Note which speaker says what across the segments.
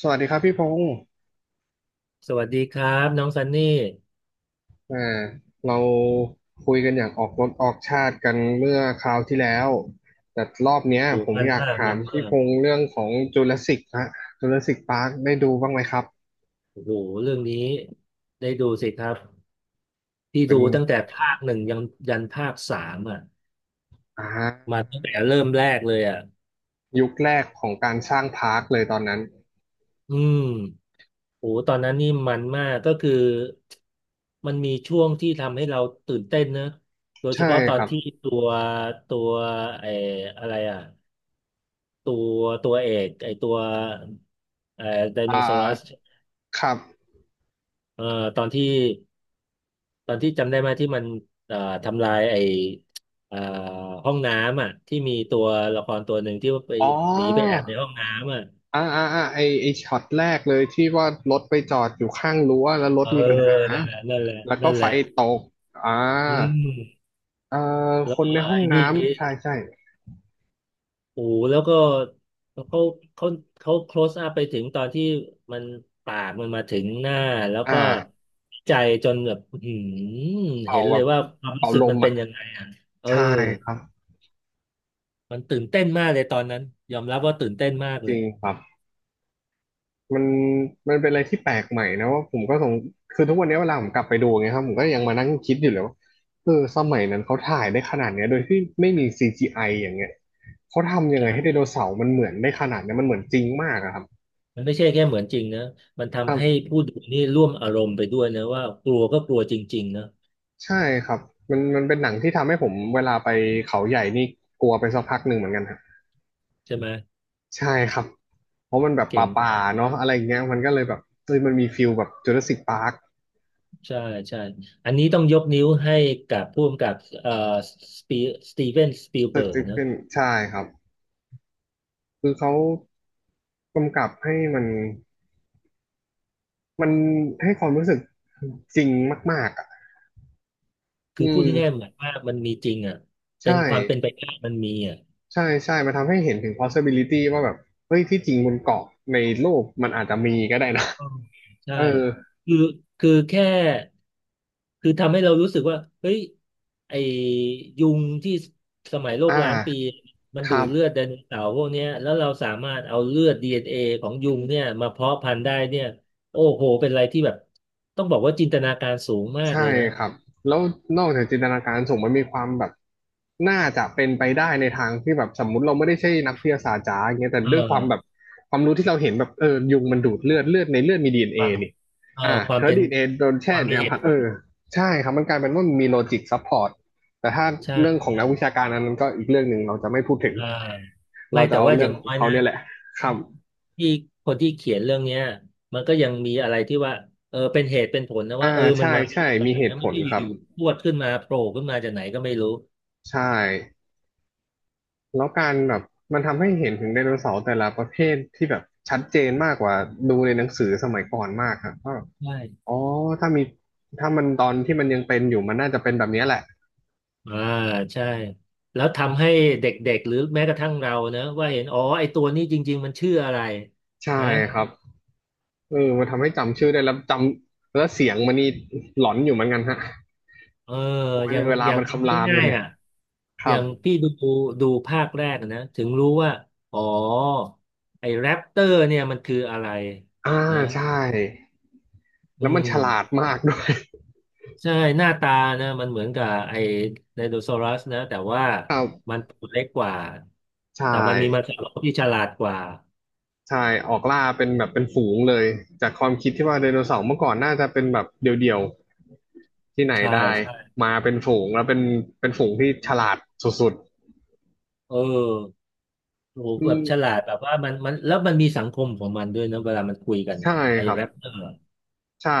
Speaker 1: สวัสดีครับพี่พงศ์
Speaker 2: สวัสดีครับน้องซันนี่
Speaker 1: อ่าเราคุยกันอย่างออกรถออกชาติกันเมื่อคราวที่แล้ว แต่รอบเนี้ย
Speaker 2: โห
Speaker 1: ผม
Speaker 2: มัน
Speaker 1: อยาก
Speaker 2: มาก
Speaker 1: ถา
Speaker 2: มั
Speaker 1: ม
Speaker 2: น
Speaker 1: พี่
Speaker 2: มา
Speaker 1: พ
Speaker 2: ก
Speaker 1: งศ์เรื่องของจูราสสิกฮะจูราสสิกพาร์คได้ดูบ้างไหมครับ
Speaker 2: โอ้โหเรื่องนี้ได้ดูสิครับที่
Speaker 1: เป็
Speaker 2: ดู
Speaker 1: น
Speaker 2: ตั้งแต่ภาคหนึ่งยันภาคสามอ่ะ
Speaker 1: อ่า
Speaker 2: มาตั้งแต่เริ่มแรกเลยอ่ะ
Speaker 1: ยุคแรกของการสร้างพาร์คเลยตอนนั้น
Speaker 2: อืมโหตอนนั้นนี่มันมากก็คือมันมีช่วงที่ทำให้เราตื่นเต้นนะโดยเฉ
Speaker 1: ใช่
Speaker 2: พาะตอ
Speaker 1: ค
Speaker 2: น
Speaker 1: รับ
Speaker 2: ที่ตัวตัวไอ้อะไรอ่ะตัวตัวเอกไอ้ตัวไอ้ได
Speaker 1: อ่
Speaker 2: โนเสาร์
Speaker 1: าครับ
Speaker 2: เอ่อตอนที่ ตอนที่จำได้ไหมที่มันเอ่อทำลายไอ้เอ่อห้องน้ำอ่ะที่มีตัวละครตัวหนึ่งที่ว่าไป
Speaker 1: อ๋
Speaker 2: หนีไปแอ
Speaker 1: อ
Speaker 2: บในห้องน้ำอ่ะ
Speaker 1: อ่าไอช็อตแรกเลยที่ว่ารถไปจอดอยู่ข้างรั้วแล้วร
Speaker 2: เอ
Speaker 1: ถ
Speaker 2: อ
Speaker 1: มีปัญหา
Speaker 2: นั่นแหละนั่นแหละ
Speaker 1: แล้วก็
Speaker 2: นั่นแห
Speaker 1: ไฟ
Speaker 2: ละ
Speaker 1: ตก อ่า
Speaker 2: อืม
Speaker 1: เอ่
Speaker 2: แล้
Speaker 1: ค
Speaker 2: ว
Speaker 1: น
Speaker 2: ก็
Speaker 1: ในห้อง
Speaker 2: ไอ้นี่ไป
Speaker 1: น้ำใช่ใช่
Speaker 2: โอ้โหแล้วก็เขาเขาเขา close up ไปถึงตอนที่มันปากมันมาถึงหน้าแล้ว
Speaker 1: อ่า
Speaker 2: ก็ใจจนแบบอื้อหือ
Speaker 1: เป่า
Speaker 2: เห็น
Speaker 1: แบ
Speaker 2: เลย
Speaker 1: บ
Speaker 2: ว่าความ
Speaker 1: เป่า
Speaker 2: รู้สึ
Speaker 1: ล
Speaker 2: กมั
Speaker 1: ม
Speaker 2: นเป็
Speaker 1: อ่ะ
Speaker 2: นยังไงอ่ะเออ
Speaker 1: ใช่ครับ
Speaker 2: มันตื่นเต้นมากเลยตอนนั้นยอมรับว่าตื่นเต้นมาก
Speaker 1: จ
Speaker 2: เล
Speaker 1: ริ
Speaker 2: ย
Speaker 1: งครับมันมันเป็นอะไรที่แปลกใหม่นะว่าผมก็สงคือทุกวันนี้เวลาผมกลับไปดูไ่งยครับผมก็ยังมานั่งคิดอยู่เลยว่าเออสมัยนั้นเขาถ่ายได้ขนาดเนี้ยโดยที่ไม่มี CGI ออย่างเงี้ยเขาทำยังไงให้ได
Speaker 2: ใช่
Speaker 1: โนเสาร์มันเหมือนได้ขนาดเนี้ยมันเหมือนจริงมากอะครับ
Speaker 2: มันไม่ใช่แค่เหมือนจริงนะมัน
Speaker 1: ครั
Speaker 2: ทำให้
Speaker 1: บ
Speaker 2: ผู้ดูนี่ร่วมอารมณ์ไปด้วยนะว่ากลัวก็กลัวจริงๆนะ
Speaker 1: ใช่ครับมันเป็นหนังที่ทำให้ผมเวลาไปเขาใหญ่นี่กลัวไปสักพักหนึ่งเหมือนกันครับ
Speaker 2: ใช่ไหม
Speaker 1: ใช่ครับ เพราะมันแบบ
Speaker 2: เก่ง
Speaker 1: ป่า
Speaker 2: มาก
Speaker 1: ๆเนาะอะไรอย่างเงี้ยมันก็เลยแบบเฮ้ยมันมีฟิลแบบจูราสิคพาร์ค
Speaker 2: ใช่ใช่อันนี้ต้องยกนิ้วให้กับผู้กำกับเอ่อสปีสตีเวนสปีล
Speaker 1: เ
Speaker 2: เบิร์ก
Speaker 1: กิด
Speaker 2: นะ
Speaker 1: ขึ้นใช่ครับคือเขากำกับให้มันมันให้ความรู้สึกจริงมากๆอ่ะอื
Speaker 2: คือพูดง่ายๆ
Speaker 1: ม
Speaker 2: เหมือนว่ามันมีจริงอ่ะเป็
Speaker 1: ใช่
Speaker 2: นความเป็นไปได้มันมีอ่ะ
Speaker 1: ใช่มันทำให้เห็นถึง possibility ว่าแบบเฮ้ยที่จริงบนเกาะในโลกมันอาจจะมีก็ได้นะ
Speaker 2: อ๋อ ใช่
Speaker 1: เออ
Speaker 2: คือคือแค่คือทำให้เรารู้สึกว่าเฮ้ยไอ้ยุงที่สมัยโล
Speaker 1: อ่
Speaker 2: กล้านปี
Speaker 1: า
Speaker 2: มัน
Speaker 1: ค
Speaker 2: ดู
Speaker 1: รั
Speaker 2: ดเลือด
Speaker 1: บ
Speaker 2: ไดโนเสาร์พวกเนี้ยแล้วเราสามารถเอาเลือด DNA ของยุงเนี่ยมาเพาะพันธุ์ได้เนี่ยโอ้โหเป็นอะไรที่แบบต้องบอกว่าจินตนาการสูงมากเล
Speaker 1: ใช่
Speaker 2: ยนะ
Speaker 1: ครับแล้วนอกจากจินตนาการสูงมันมีความแบบน่าจะเป็นไปได้ในทางที่แบบสมมุติเราไม่ได้ใช่นักวิทยาศาสตร์จ๋าอย่างเงี้ยแต่
Speaker 2: เอ
Speaker 1: ด้วยความแบบ
Speaker 2: อ
Speaker 1: ความรู้ที่เราเห็นแบบเออยุงมันดูดเลือดเลือดในเลือดมีดีเอ็น
Speaker 2: ค
Speaker 1: เอ
Speaker 2: วาม
Speaker 1: นี่อ่า
Speaker 2: ควา
Speaker 1: เธ
Speaker 2: ม
Speaker 1: อ
Speaker 2: เป็น
Speaker 1: ดีเอ็นเอโดน
Speaker 2: ค
Speaker 1: แช่
Speaker 2: วาม
Speaker 1: ใน
Speaker 2: มีเห
Speaker 1: น้ำพั
Speaker 2: ตุ
Speaker 1: ก
Speaker 2: ผ
Speaker 1: เอ
Speaker 2: ล
Speaker 1: อใช่ครับมันกลายเป็นว่ามันมีโลจิกซัพพอร์ตแต่ถ้า
Speaker 2: ใช่
Speaker 1: เรื่องของ
Speaker 2: ใช่
Speaker 1: นักวิชาการอันนั้นก็อีกเรื่องหนึ่งเราจะไม่พูดถึง
Speaker 2: อ่าไม่
Speaker 1: เราจะ
Speaker 2: แต่
Speaker 1: เอา
Speaker 2: ว่าอ
Speaker 1: เรื่อ
Speaker 2: ย่า
Speaker 1: ง
Speaker 2: ง
Speaker 1: ขอ
Speaker 2: น้
Speaker 1: ง
Speaker 2: อย
Speaker 1: เขา
Speaker 2: นะ
Speaker 1: เนี่ยแหละครับ
Speaker 2: ที่คนที่เขียนเรื่องเนี้ยมันก็ยังมีอะไรที่ว่าเออเป็นเหตุเป็นผลนะว่า
Speaker 1: อ่า
Speaker 2: เออมัน
Speaker 1: ใช่
Speaker 2: มาได้
Speaker 1: ใช่
Speaker 2: ยังไง
Speaker 1: มีเห
Speaker 2: นะ
Speaker 1: ตุผ
Speaker 2: ไม่
Speaker 1: ล
Speaker 2: ใช่
Speaker 1: ครั
Speaker 2: อ
Speaker 1: บ
Speaker 2: ยู่ๆพรวดขึ้นมาโผล่ขึ้นมาจากไหนก็ไม่รู้
Speaker 1: ใช่ แล้วการแบบมันทำให้เห็นถึงไดโนเสาร์แต่ละประเภทที่แบบชัดเจนมากกว่าดูในหนังสือสมัยก่อนมากครับว่าแบบ
Speaker 2: ใช่
Speaker 1: อ๋อถ้ามีถ้ามันตอนที่มันยังเป็นอยู่มันน่าจะเป็นแบบเนี้ยแหละ
Speaker 2: อ่าใช่แล้วทำให้เด็กๆหรือแม้กระทั่งเรานะว่าเห็นอ๋อไอตัวนี้จริงๆมันชื่ออะไร
Speaker 1: ใช่
Speaker 2: นะ
Speaker 1: ครับเออมันทำให้จำชื่อได้แล้วจำแล้วเสียงมันนี่หลอนอยู่เหมือนกันฮะ
Speaker 2: เออ
Speaker 1: โอ้
Speaker 2: อ
Speaker 1: ย
Speaker 2: ย่าง
Speaker 1: เวลา
Speaker 2: อย่าง
Speaker 1: มันคำรามกั
Speaker 2: ง่า
Speaker 1: น
Speaker 2: ย
Speaker 1: เนี่
Speaker 2: ๆ
Speaker 1: ย
Speaker 2: อ่ะ
Speaker 1: ค
Speaker 2: อ
Speaker 1: รั
Speaker 2: ย่า
Speaker 1: บ
Speaker 2: งพี่ดูภาคแรกอะนะถึงรู้ว่าอ๋อไอแรปเตอร์เนี่ยมันคืออะไร
Speaker 1: อ่า
Speaker 2: นะ
Speaker 1: ใช่
Speaker 2: อื
Speaker 1: แล้วมัน
Speaker 2: ม
Speaker 1: ฉลาดมากด้วย
Speaker 2: ใช่หน้าตานะมันเหมือนกับไอ้ไดโนเสาร์นะแต่ว่า
Speaker 1: ครับ
Speaker 2: มันตัวเล็กกว่า
Speaker 1: ใช่
Speaker 2: แต่มันมีมังสวิรัติที่ฉลาดกว่า
Speaker 1: ใช่ออกล่าเป็นแบบเป็นฝูงเลยจากความคิดที่ว่าไดโนเสาร์เมื่อก่อนน่าจะเป็นแบบเดี่ยวๆที่ไหน
Speaker 2: ใช่
Speaker 1: ได้
Speaker 2: ใช่
Speaker 1: มาเป็นฝูงแล้วเป็นเป็นฝูงที่ฉลาดสุด
Speaker 2: เออโอ้โห
Speaker 1: ๆอื
Speaker 2: แบ
Speaker 1: ม
Speaker 2: บฉลาดแบบว่ามันแล้วมันมีสังคมของมันด้วยนะเวลามันคุยกัน
Speaker 1: ใช่
Speaker 2: อะไอ้
Speaker 1: ครับ
Speaker 2: แรปเตอร์อะ
Speaker 1: ใช่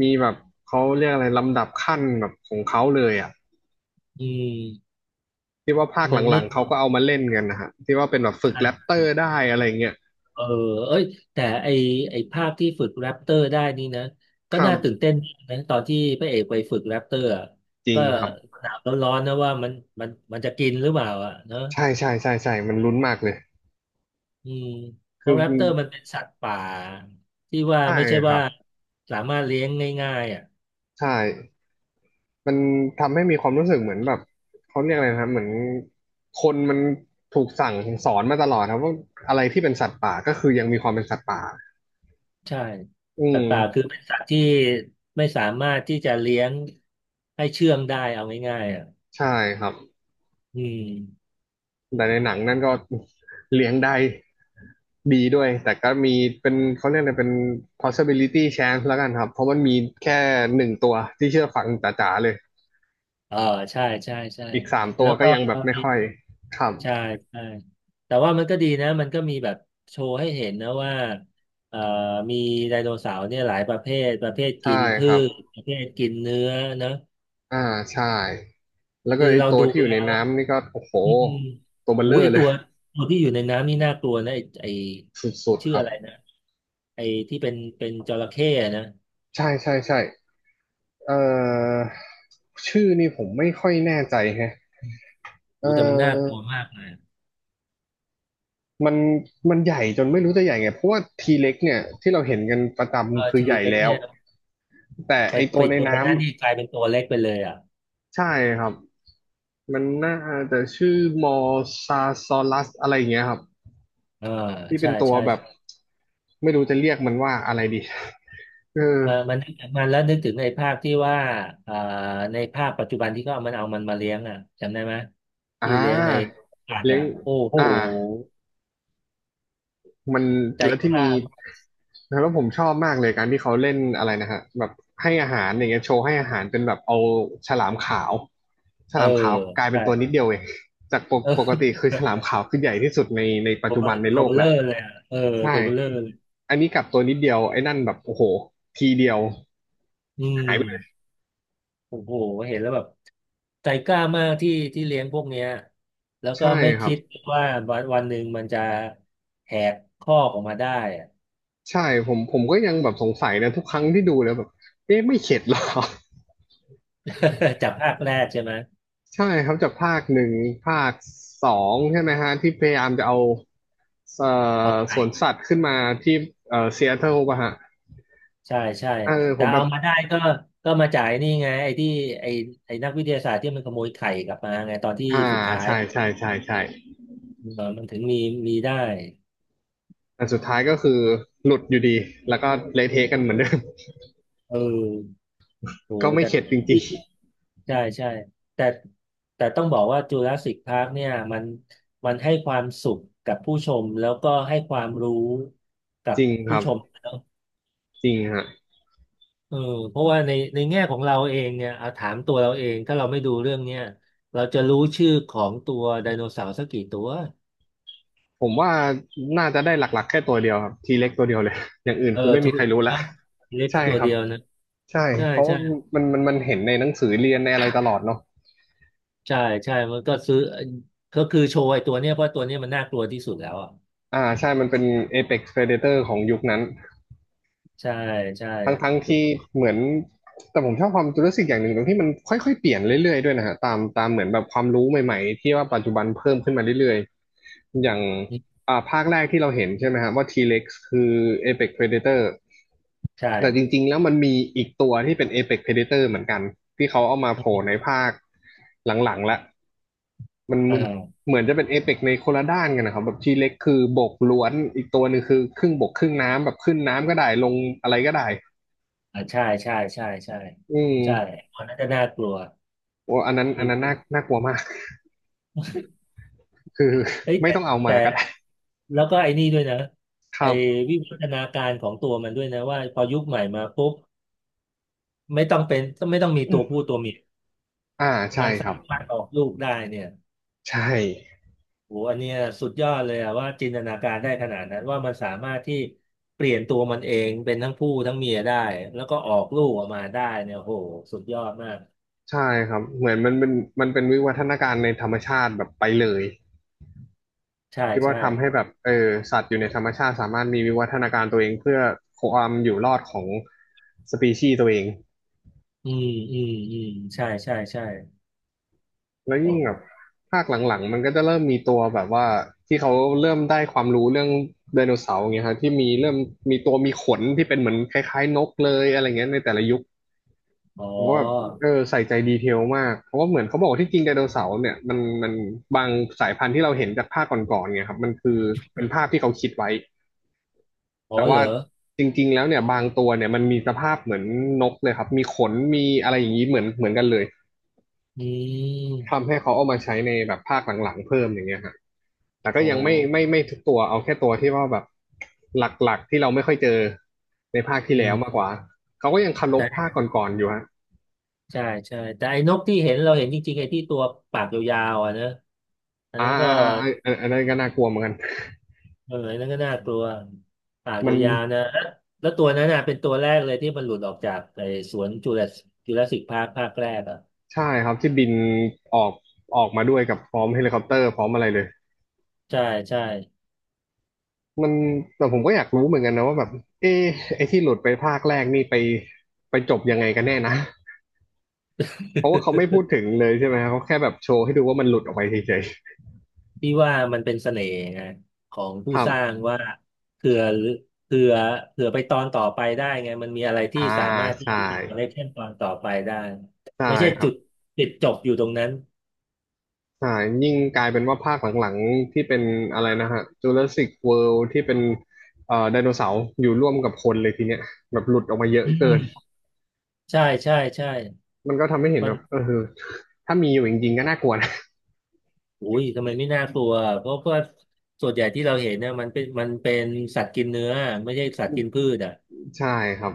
Speaker 1: มีแบบเขาเรียกอะไรลำดับขั้นแบบของเขาเลยอ่ะ
Speaker 2: อืม
Speaker 1: ที่ว่าภาค
Speaker 2: มัน
Speaker 1: ห
Speaker 2: ไม่
Speaker 1: ลังๆเขาก็เอามาเล่นกันนะฮะที่ว่าเป็นแบบ
Speaker 2: ใช
Speaker 1: ฝึกแรปเตอ
Speaker 2: ่
Speaker 1: ร์ได้อะไรเงี้ย
Speaker 2: เออเอ้ยแต่ไอภาคที่ฝึกแรปเตอร์ได้นี่นะก็
Speaker 1: ครั
Speaker 2: น่าตื่น
Speaker 1: บ
Speaker 2: เต้นนะตอนที่พระเอกไปฝึกแรปเตอร์อะ
Speaker 1: จริง
Speaker 2: ก็
Speaker 1: ครับ
Speaker 2: หนาวร้อนๆนะว่ามันจะกินหรือเปล่าอ่ะเนอะ
Speaker 1: ใช่มันลุ้นมากเลย
Speaker 2: อืมเพ
Speaker 1: คือ
Speaker 2: ราะแรปเตอร์มันเป็นสัตว์ป่าที่ว่า
Speaker 1: ใช่
Speaker 2: ไม่ใช่
Speaker 1: ครั
Speaker 2: ว่า
Speaker 1: บ
Speaker 2: สามารถเลี้ยงง่ายๆอ่ะ
Speaker 1: ใช่ มันทำให้มีความรู้สึกเหมือนแบบเขาเรียกอะไรนะครับเหมือนคนมันถูกสั่งสอนมาตลอดครับว่าอะไรที่เป็นสัตว์ป่าก็คือยังมีความเป็นสัตว์ป่า
Speaker 2: ใช่
Speaker 1: อื
Speaker 2: สัต
Speaker 1: ม
Speaker 2: ว์ป่าคือเป็นสัตว์ที่ไม่สามารถที่จะเลี้ยงให้เชื่องได้เอาง่ายๆอ่ะ
Speaker 1: ใช่ครับ
Speaker 2: อืม
Speaker 1: แต่ในหนังนั่นก็เลี้ยงได้ดีด้วยแต่ก็มีเป็นเขาเรียกอะไรเป็น possibility chance แล้วกันครับเพราะมันมีแค่หนึ่งตัวที่เชื่อฟังจ๋าๆเลย
Speaker 2: เออใช่ใช่ใช่
Speaker 1: อีกสามตั
Speaker 2: แล้
Speaker 1: ว
Speaker 2: ว
Speaker 1: ก็
Speaker 2: ก็
Speaker 1: ยังแบบไม่
Speaker 2: มี
Speaker 1: ค่อยครับ
Speaker 2: ใช่ใช่แต่ว่ามันก็ดีนะมันก็มีแบบโชว์ให้เห็นนะว่าเอ่อมีไดโนเสาร์เนี่ยหลายประเภทประเภท
Speaker 1: ใช่
Speaker 2: กิน
Speaker 1: ค
Speaker 2: พื
Speaker 1: รับ
Speaker 2: ชประเภทกินเนื้อนะ
Speaker 1: อ่าใช่แล้วก็
Speaker 2: คือ
Speaker 1: ไอ
Speaker 2: เรา
Speaker 1: ตัว
Speaker 2: ดู
Speaker 1: ที่อยู่
Speaker 2: แล้
Speaker 1: ใน
Speaker 2: ว
Speaker 1: น้ำนี่ก็โอ้โห
Speaker 2: อืม
Speaker 1: ตัวเบล
Speaker 2: โอ้
Speaker 1: เล
Speaker 2: ย
Speaker 1: อ
Speaker 2: ไอ
Speaker 1: ร์เล
Speaker 2: ตั
Speaker 1: ย
Speaker 2: วตัวที่อยู่ในน้ำนี่น่ากลัวนะไอไอมั
Speaker 1: สุ
Speaker 2: น
Speaker 1: ดๆ
Speaker 2: ชื่อ
Speaker 1: ครับ
Speaker 2: อะไรนะไอที่เป็นจระเข้อะนะ
Speaker 1: ใช่เอ่อชื่อนี่ผมไม่ค่อยแน่ใจแฮะเอ่
Speaker 2: โอ้แต่มันน่ากลั
Speaker 1: อ
Speaker 2: วมากเลย
Speaker 1: มันมันใหญ่จนไม่รู้จะใหญ่ไงเพราะว่าทีเล็กเนี่ยที่เราเห็นกันประ
Speaker 2: เออ
Speaker 1: จำคือ
Speaker 2: ที
Speaker 1: ใหญ่
Speaker 2: เล็ก
Speaker 1: แล้ว
Speaker 2: เนี่ย
Speaker 1: แต่
Speaker 2: ไป
Speaker 1: ไอตั
Speaker 2: ไป
Speaker 1: วใน
Speaker 2: เจอใน
Speaker 1: น้
Speaker 2: นั่นนี่กลายเป็นตัวเล็กไปเลยอ่ะ
Speaker 1: ำใช่ครับมันน่าจะชื่อมอซาซอลัสอะไรอย่างเงี้ยครับ
Speaker 2: เออ
Speaker 1: ที่เป็
Speaker 2: ใช่
Speaker 1: นตัว
Speaker 2: ใช่
Speaker 1: แบบไม่รู้จะเรียกมันว่าอะไรดีเออ
Speaker 2: มามันนึกถึงมันแล้วนึกถึงในภาคที่ว่าอ่าในภาคปัจจุบันที่เขาเอามันมาเลี้ยงอ่ะจำได้ไหม
Speaker 1: อ่า
Speaker 2: ที่เลี้ยงในอากาศ
Speaker 1: เลี้ย
Speaker 2: อ่ะ
Speaker 1: ง
Speaker 2: โอ้โห
Speaker 1: อ่ามัน
Speaker 2: ใจ
Speaker 1: แล้ว
Speaker 2: ก
Speaker 1: ที่มี
Speaker 2: ล้ามาก
Speaker 1: แล้วผมชอบมากเลยการที่เขาเล่นอะไรนะฮะแบบให้อาหารอย่างเงี้ยโชว์ให้อาหารเป็นแบบเอาฉลามขาวฉ
Speaker 2: เออ
Speaker 1: ลามขาวกลายเป็น
Speaker 2: ใช่
Speaker 1: ตัวนิดเดียวเองจากปก
Speaker 2: เอ
Speaker 1: ปกติ
Speaker 2: อ
Speaker 1: คือฉลามขาวคือใหญ่ที่สุดในปัจจุบันใน
Speaker 2: ตั
Speaker 1: โล
Speaker 2: วเบ
Speaker 1: ก
Speaker 2: ล
Speaker 1: แห
Speaker 2: เล
Speaker 1: ละ
Speaker 2: อร์เลยอ่ะเออ
Speaker 1: ใช่
Speaker 2: ตัวเบลเลอร์เลย
Speaker 1: อันนี้กลับตัวนิดเดียวไอ้นั่นแบบโอ้โหทีเดียว
Speaker 2: อื
Speaker 1: หายไปเลย
Speaker 2: มโอ้โหเห็นแล้วแบบใจกล้ามากที่เลี้ยงพวกเนี้ยแล้วก็
Speaker 1: ใช่
Speaker 2: ไม่
Speaker 1: ครับ
Speaker 2: คิดว่าวันหนึ่งมันจะแหกข้อกออกมาได้อะ
Speaker 1: ใช่ผมก็ยังแบบสงสัยนะทุกครั้งที่ดูแล้วแบบเอ๊ะไม่เข็ดหรอ
Speaker 2: จากภาคแรกใช่ไหม
Speaker 1: ใช่ครับจากภาคหนึ่งภาคสองใช่ไหมฮะที่พยายามจะเอา
Speaker 2: เอา
Speaker 1: ส
Speaker 2: ไข่
Speaker 1: วนสัตว์ขึ้นมาที่ซีแอตเทิลป่ะฮะ
Speaker 2: ใช่ใช่
Speaker 1: เออผ
Speaker 2: แต่
Speaker 1: มแบ
Speaker 2: เอา
Speaker 1: บ
Speaker 2: มาได้ก็ก็มาจ่ายนี่ไงไอ้ที่ไอ้ไอ้นักวิทยาศาสตร์ที่มันขโมยไข่กลับมาไงตอนที่
Speaker 1: อ่า
Speaker 2: สุดท้าย
Speaker 1: ใช่ใช่ใช่ใช่
Speaker 2: เออมันถึงมีมีได้
Speaker 1: แต่สุดท้ายก็คือหลุดอยู่ดีแล้วก็เละเทะกันเหมือนเดิม
Speaker 2: เออโห
Speaker 1: ก็ไม่
Speaker 2: แต่
Speaker 1: เข็ดจริง
Speaker 2: ใช่แต่ต้องบอกว่าจูราสสิคพาร์คเนี่ยมันให้ความสุขกับผู้ชมแล้วก็ให้ความรู้กั
Speaker 1: ๆจ
Speaker 2: บ
Speaker 1: ริงค
Speaker 2: ผู้
Speaker 1: รั
Speaker 2: ชม
Speaker 1: บ
Speaker 2: แล้ว
Speaker 1: จริงฮะ
Speaker 2: เออเพราะว่าในแง่ของเราเองเนี่ยเอาถามตัวเราเองถ้าเราไม่ดูเรื่องเนี้ยเราจะรู้ชื่อของตัวไดโนเสาร์สักกี่ตัว
Speaker 1: ผมว่าน่าจะได้หลักๆแค่ตัวเดียวครับทีเล็กตัวเดียวเลย อย่างอื่น
Speaker 2: เออ
Speaker 1: คือไม่
Speaker 2: ทุ
Speaker 1: มี
Speaker 2: ก
Speaker 1: ใครรู้ละ
Speaker 2: นะเล็ก
Speaker 1: ใช่
Speaker 2: ตัว
Speaker 1: ครั
Speaker 2: เดี
Speaker 1: บ
Speaker 2: ยวนะ
Speaker 1: ใช่
Speaker 2: ใช่
Speaker 1: เพราะ
Speaker 2: ใช่
Speaker 1: ว่ามันเห็นในหนังสือเรียนในอะไรตลอดเนาะ
Speaker 2: ใช่ใช่มันก็ซื้อก็คือโชว์ไอ้ตัวเนี้ยเพราะตัวเนี้ยมันน่ากลัวที่สุดแล้วอ่ะ
Speaker 1: อ่าใช่มันเป็น Apex Predator ของยุคนั้น
Speaker 2: ใช่ใช่
Speaker 1: ทั้งทั้ง
Speaker 2: ถูก
Speaker 1: ที่
Speaker 2: ต้อง
Speaker 1: เหมือนแต่ผมชอบความรู้สึกอย่างหนึ่งตรงที่มันค่อยๆเปลี่ยนเรื่อยๆด้วยนะฮะตามเหมือนแบบความรู้ใหม่ๆที่ว่าปัจจุบันเพิ่มขึ้นมาเรื่อยๆอย่างอ่าภาคแรกที่เราเห็นใช่ไหมฮะว่า T-Rex คือ Apex Predator
Speaker 2: ใช่
Speaker 1: แต่จริงๆแล้วมันมีอีกตัวที่เป็น Apex Predator เหมือนกันที่เขาเอามาโผล่ในภาคหลังๆละ มัน
Speaker 2: อ่า
Speaker 1: เหมือนจะเป็นเอเปกในคนละด้านกันนะครับแบบทีเล็กคือบกล้วนอีกตัวหนึ่งคือครึ่งบกครึ่งน้ำแบบขึ้นน้ำก็ได้ลงอะไรก็ได้
Speaker 2: อ่าใช่ใช่ใช่ใช่
Speaker 1: อื
Speaker 2: ใช่
Speaker 1: ม
Speaker 2: อันนั้นจะน่ากลัว
Speaker 1: โอ้อันนั้น
Speaker 2: จ
Speaker 1: อั
Speaker 2: ร
Speaker 1: นนั้น
Speaker 2: ิ
Speaker 1: น่า
Speaker 2: ง
Speaker 1: น่ากลัวมากคือ
Speaker 2: เฮ้ย
Speaker 1: ไม่
Speaker 2: แต่
Speaker 1: ต้องเอามา
Speaker 2: แต่
Speaker 1: ก็ได้
Speaker 2: แล้วก็ไอ้นี่ด้วยนะ
Speaker 1: ค
Speaker 2: ไอ้
Speaker 1: รับ
Speaker 2: วิวัฒนาการของตัวมันด้วยนะว่าพอยุคใหม่มาปุ๊บไม่ต้องเป็นไม่ต้องมีตัวผู้ตัวเมีย
Speaker 1: อ่าใช่
Speaker 2: มัน
Speaker 1: ค
Speaker 2: สา
Speaker 1: รับ
Speaker 2: มารถออกลูกได้เนี่ย
Speaker 1: ใช่
Speaker 2: โหอันเนี้ยสุดยอดเลยอะว่าจินตนาการได้ขนาดนั้นว่ามันสามารถที่เปลี่ยนตัวมันเองเป็นทั้งผู้ทั้งเมียได้แล้วก็ออกลูกออกมาได้เนี่ยโหสุดยอดมาก
Speaker 1: ใช่ครับเหมือนมันเป็นวิวัฒนาการในธรรมชาติแบบไปเลย
Speaker 2: ใช่
Speaker 1: ที่ว่า
Speaker 2: ใช่
Speaker 1: ทำให้แบบเออสัตว์อยู่ในธรรมชาติสามารถมีวิวัฒนาการตัวเองเพื่อความอยู่รอดของสปีชีส์ตัวเอง
Speaker 2: อืมอืมอืมใช่ใช่ใช่
Speaker 1: แล้ว
Speaker 2: โอ
Speaker 1: ยิ่งแบบ
Speaker 2: ้
Speaker 1: ภาคหลังๆมันก็จะเริ่มมีตัวแบบว่าที่เขาเริ่มได้ความรู้เรื่องไดโนเสาร์อย่างเงี้ยฮะที่มีเริ่มมีตัวมีขนที่เป็นเหมือนคล้ายๆนกเลยอะไรเงี้ยในแต่ละยุค
Speaker 2: อ๋อ
Speaker 1: ผมก็แบบเออใส่ใจดีเทลมากเพราะว่าเหมือนเขาบอกว่าที่จริงไดโนเสาร์เนี่ยมันบางสายพันธุ์ที่เราเห็นจากภาคก่อนๆเนี่ยครับมันคือเป็นภาพที่เขาคิดไว้
Speaker 2: อ๋อ
Speaker 1: แต่
Speaker 2: เหร
Speaker 1: ว่า
Speaker 2: อ
Speaker 1: จริงๆแล้วเนี่ยบางตัวเนี่ยมันมีสภาพเหมือนนกเลยครับมีขนมีอะไรอย่างนี้เหมือนกันเลย
Speaker 2: อื
Speaker 1: ทำ
Speaker 2: ม
Speaker 1: ให้เขาเอามาใช้ในแบบภาคหลังๆเพิ่มอย่างเงี้ยฮะ แต่ก็
Speaker 2: โอ้
Speaker 1: ยังไม่ทุกตัวเอาแค่ตัวที่ว่าแบบหลักๆที่เราไม่ค่อยเจอในภาคที่
Speaker 2: อื
Speaker 1: แล้
Speaker 2: ม
Speaker 1: วมากกว่าเขาก็ยังเคารพภา
Speaker 2: แต่
Speaker 1: คก่อนๆอยู่ฮะ
Speaker 2: ใช่ ใช่ แต่ไอ้นกที่เห็นเราเห็นจริงๆไอ้ที่ตัวปากยาวๆอ่ะนะอันนั้นก็
Speaker 1: อันนั้นก็น่ากลัวเหมือนกัน
Speaker 2: เอออันนั้นก็น่ากลัว ปาก
Speaker 1: มัน
Speaker 2: ยาวๆนะแล้วแล้วตัวนั้นน่ะเป็นตัวแรกเลยที่มันหลุดออกจากไอ้สวนจูราสจูราสสิกพาร์คภาคแรกอ่ะ
Speaker 1: ใช่ครับที่บินออกออกมาด้วยกับพร้อมเฮลิคอปเตอร์พร้อมอะไรเลย
Speaker 2: ใช่ ใช่
Speaker 1: มันแต่ผมก็อยากรู้เหมือนกันนะว่าแบบเอะไอ้ที่หลุดไปภาคแรกนี่ไปจบยังไงกันแน่นะเพราะว่าเขาไม่พู ดถึงเลยใช่ไหมครับเขาแค่แบบโชว์ให้ดูว่ามันหลุดออกไปเฉย
Speaker 2: พี่ว่ามันเป็นเสน่ห์ไงของ
Speaker 1: ๆค
Speaker 2: ผู้
Speaker 1: รั
Speaker 2: สร้า
Speaker 1: บ
Speaker 2: งว่าเผื่อเผื่อเผื่อไปตอนต่อไปได้ไงมันมีอะไรที่
Speaker 1: อ่า
Speaker 2: สามารถที่
Speaker 1: ใช่
Speaker 2: จะติดคอลเลกชันตอนต่อไปได้
Speaker 1: ใช่
Speaker 2: ไม่ใช่
Speaker 1: ครั
Speaker 2: จุ
Speaker 1: บ
Speaker 2: ดติดจบอยู่ตรงนั้น
Speaker 1: ใช่ยิ่งกลายเป็นว่าภาคหลังๆที่เป็นอะไรนะฮะ Jurassic World ที่เป็นไดโนเสาร์อยู่ร่วมกับคนเลยทีเนี้ยแบบหลุดออกมาเยอะ
Speaker 2: อื
Speaker 1: เกิน
Speaker 2: มใช่ใช่ใช่
Speaker 1: มันก็ทำให้เห็น
Speaker 2: มั
Speaker 1: แบ
Speaker 2: น
Speaker 1: บเออถ้ามีอยู่จริงๆก็น่ากลัวนะ
Speaker 2: อุ้ยทำไมไม่น่ากลัวเพราะว่าส่วนใหญ่ที่เราเห็นเนี่ยมันเป็นสัตว์กินเนื้อไม่ใช่สัตว์กินพืชอ่ะ
Speaker 1: ใช่ครับ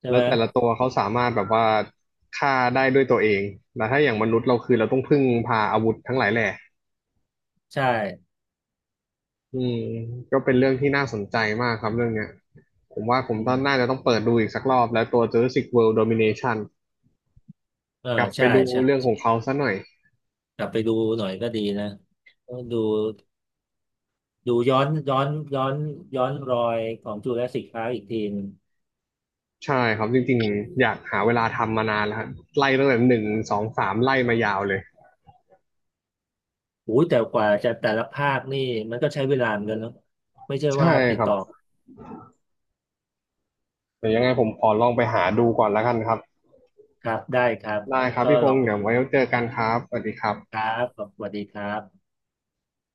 Speaker 2: ใช่
Speaker 1: แล้
Speaker 2: ไหม
Speaker 1: วแต่ละตัวเขาสามารถแบบว่าฆ่าได้ด้วยตัวเองแต่ถ้าอย่างมนุษย์เราคือเราต้องพึ่งพาอาวุธทั้งหลายแหล่
Speaker 2: ใช่
Speaker 1: อืมก็เป็นเรื่องที่น่าสนใจมากครับเรื่องเนี้ยผมว่าผม
Speaker 2: อื
Speaker 1: ต้องน่า
Speaker 2: ม
Speaker 1: จะต้องเปิดดูอีกสักรอบแล้วตัว Jurassic World Domination
Speaker 2: เออ
Speaker 1: กลับไป
Speaker 2: ใช่
Speaker 1: ดู
Speaker 2: ใช่
Speaker 1: เรื่องของเขาซะหน่อย
Speaker 2: กลับไปดูหน่อยก็ดีนะดู ดูย้อนย้อนย้อนรอยของจูราสสิคพาร์คอีกทีหนึง
Speaker 1: ใช่ครับจริงๆอยากหาเวลาทำมานานแล้วครับไล่ตั้งแต่หนึ่งสองสามไล่มายาวเลย
Speaker 2: โอ้ยแต่กว่าจะแต่ละภาคนี่มันก็ใช้เวลาเหมือนกันเนาะไม่ใช่
Speaker 1: ใช่
Speaker 2: ว่าติ
Speaker 1: ค
Speaker 2: ด
Speaker 1: รับ
Speaker 2: ต่อ
Speaker 1: เดี๋ยวยังไงผมขอลองไปหาดูก่อนแล้วกันครับ
Speaker 2: ครับได้ครับ
Speaker 1: ได้ครับ
Speaker 2: ก็
Speaker 1: พี่พ
Speaker 2: ลอ
Speaker 1: ง
Speaker 2: ง
Speaker 1: ษ์
Speaker 2: ไป
Speaker 1: เดี๋ยว
Speaker 2: ดู
Speaker 1: ไว้เจอกันครับสวัสดีครับ
Speaker 2: ครับขอบสวัสดีครับ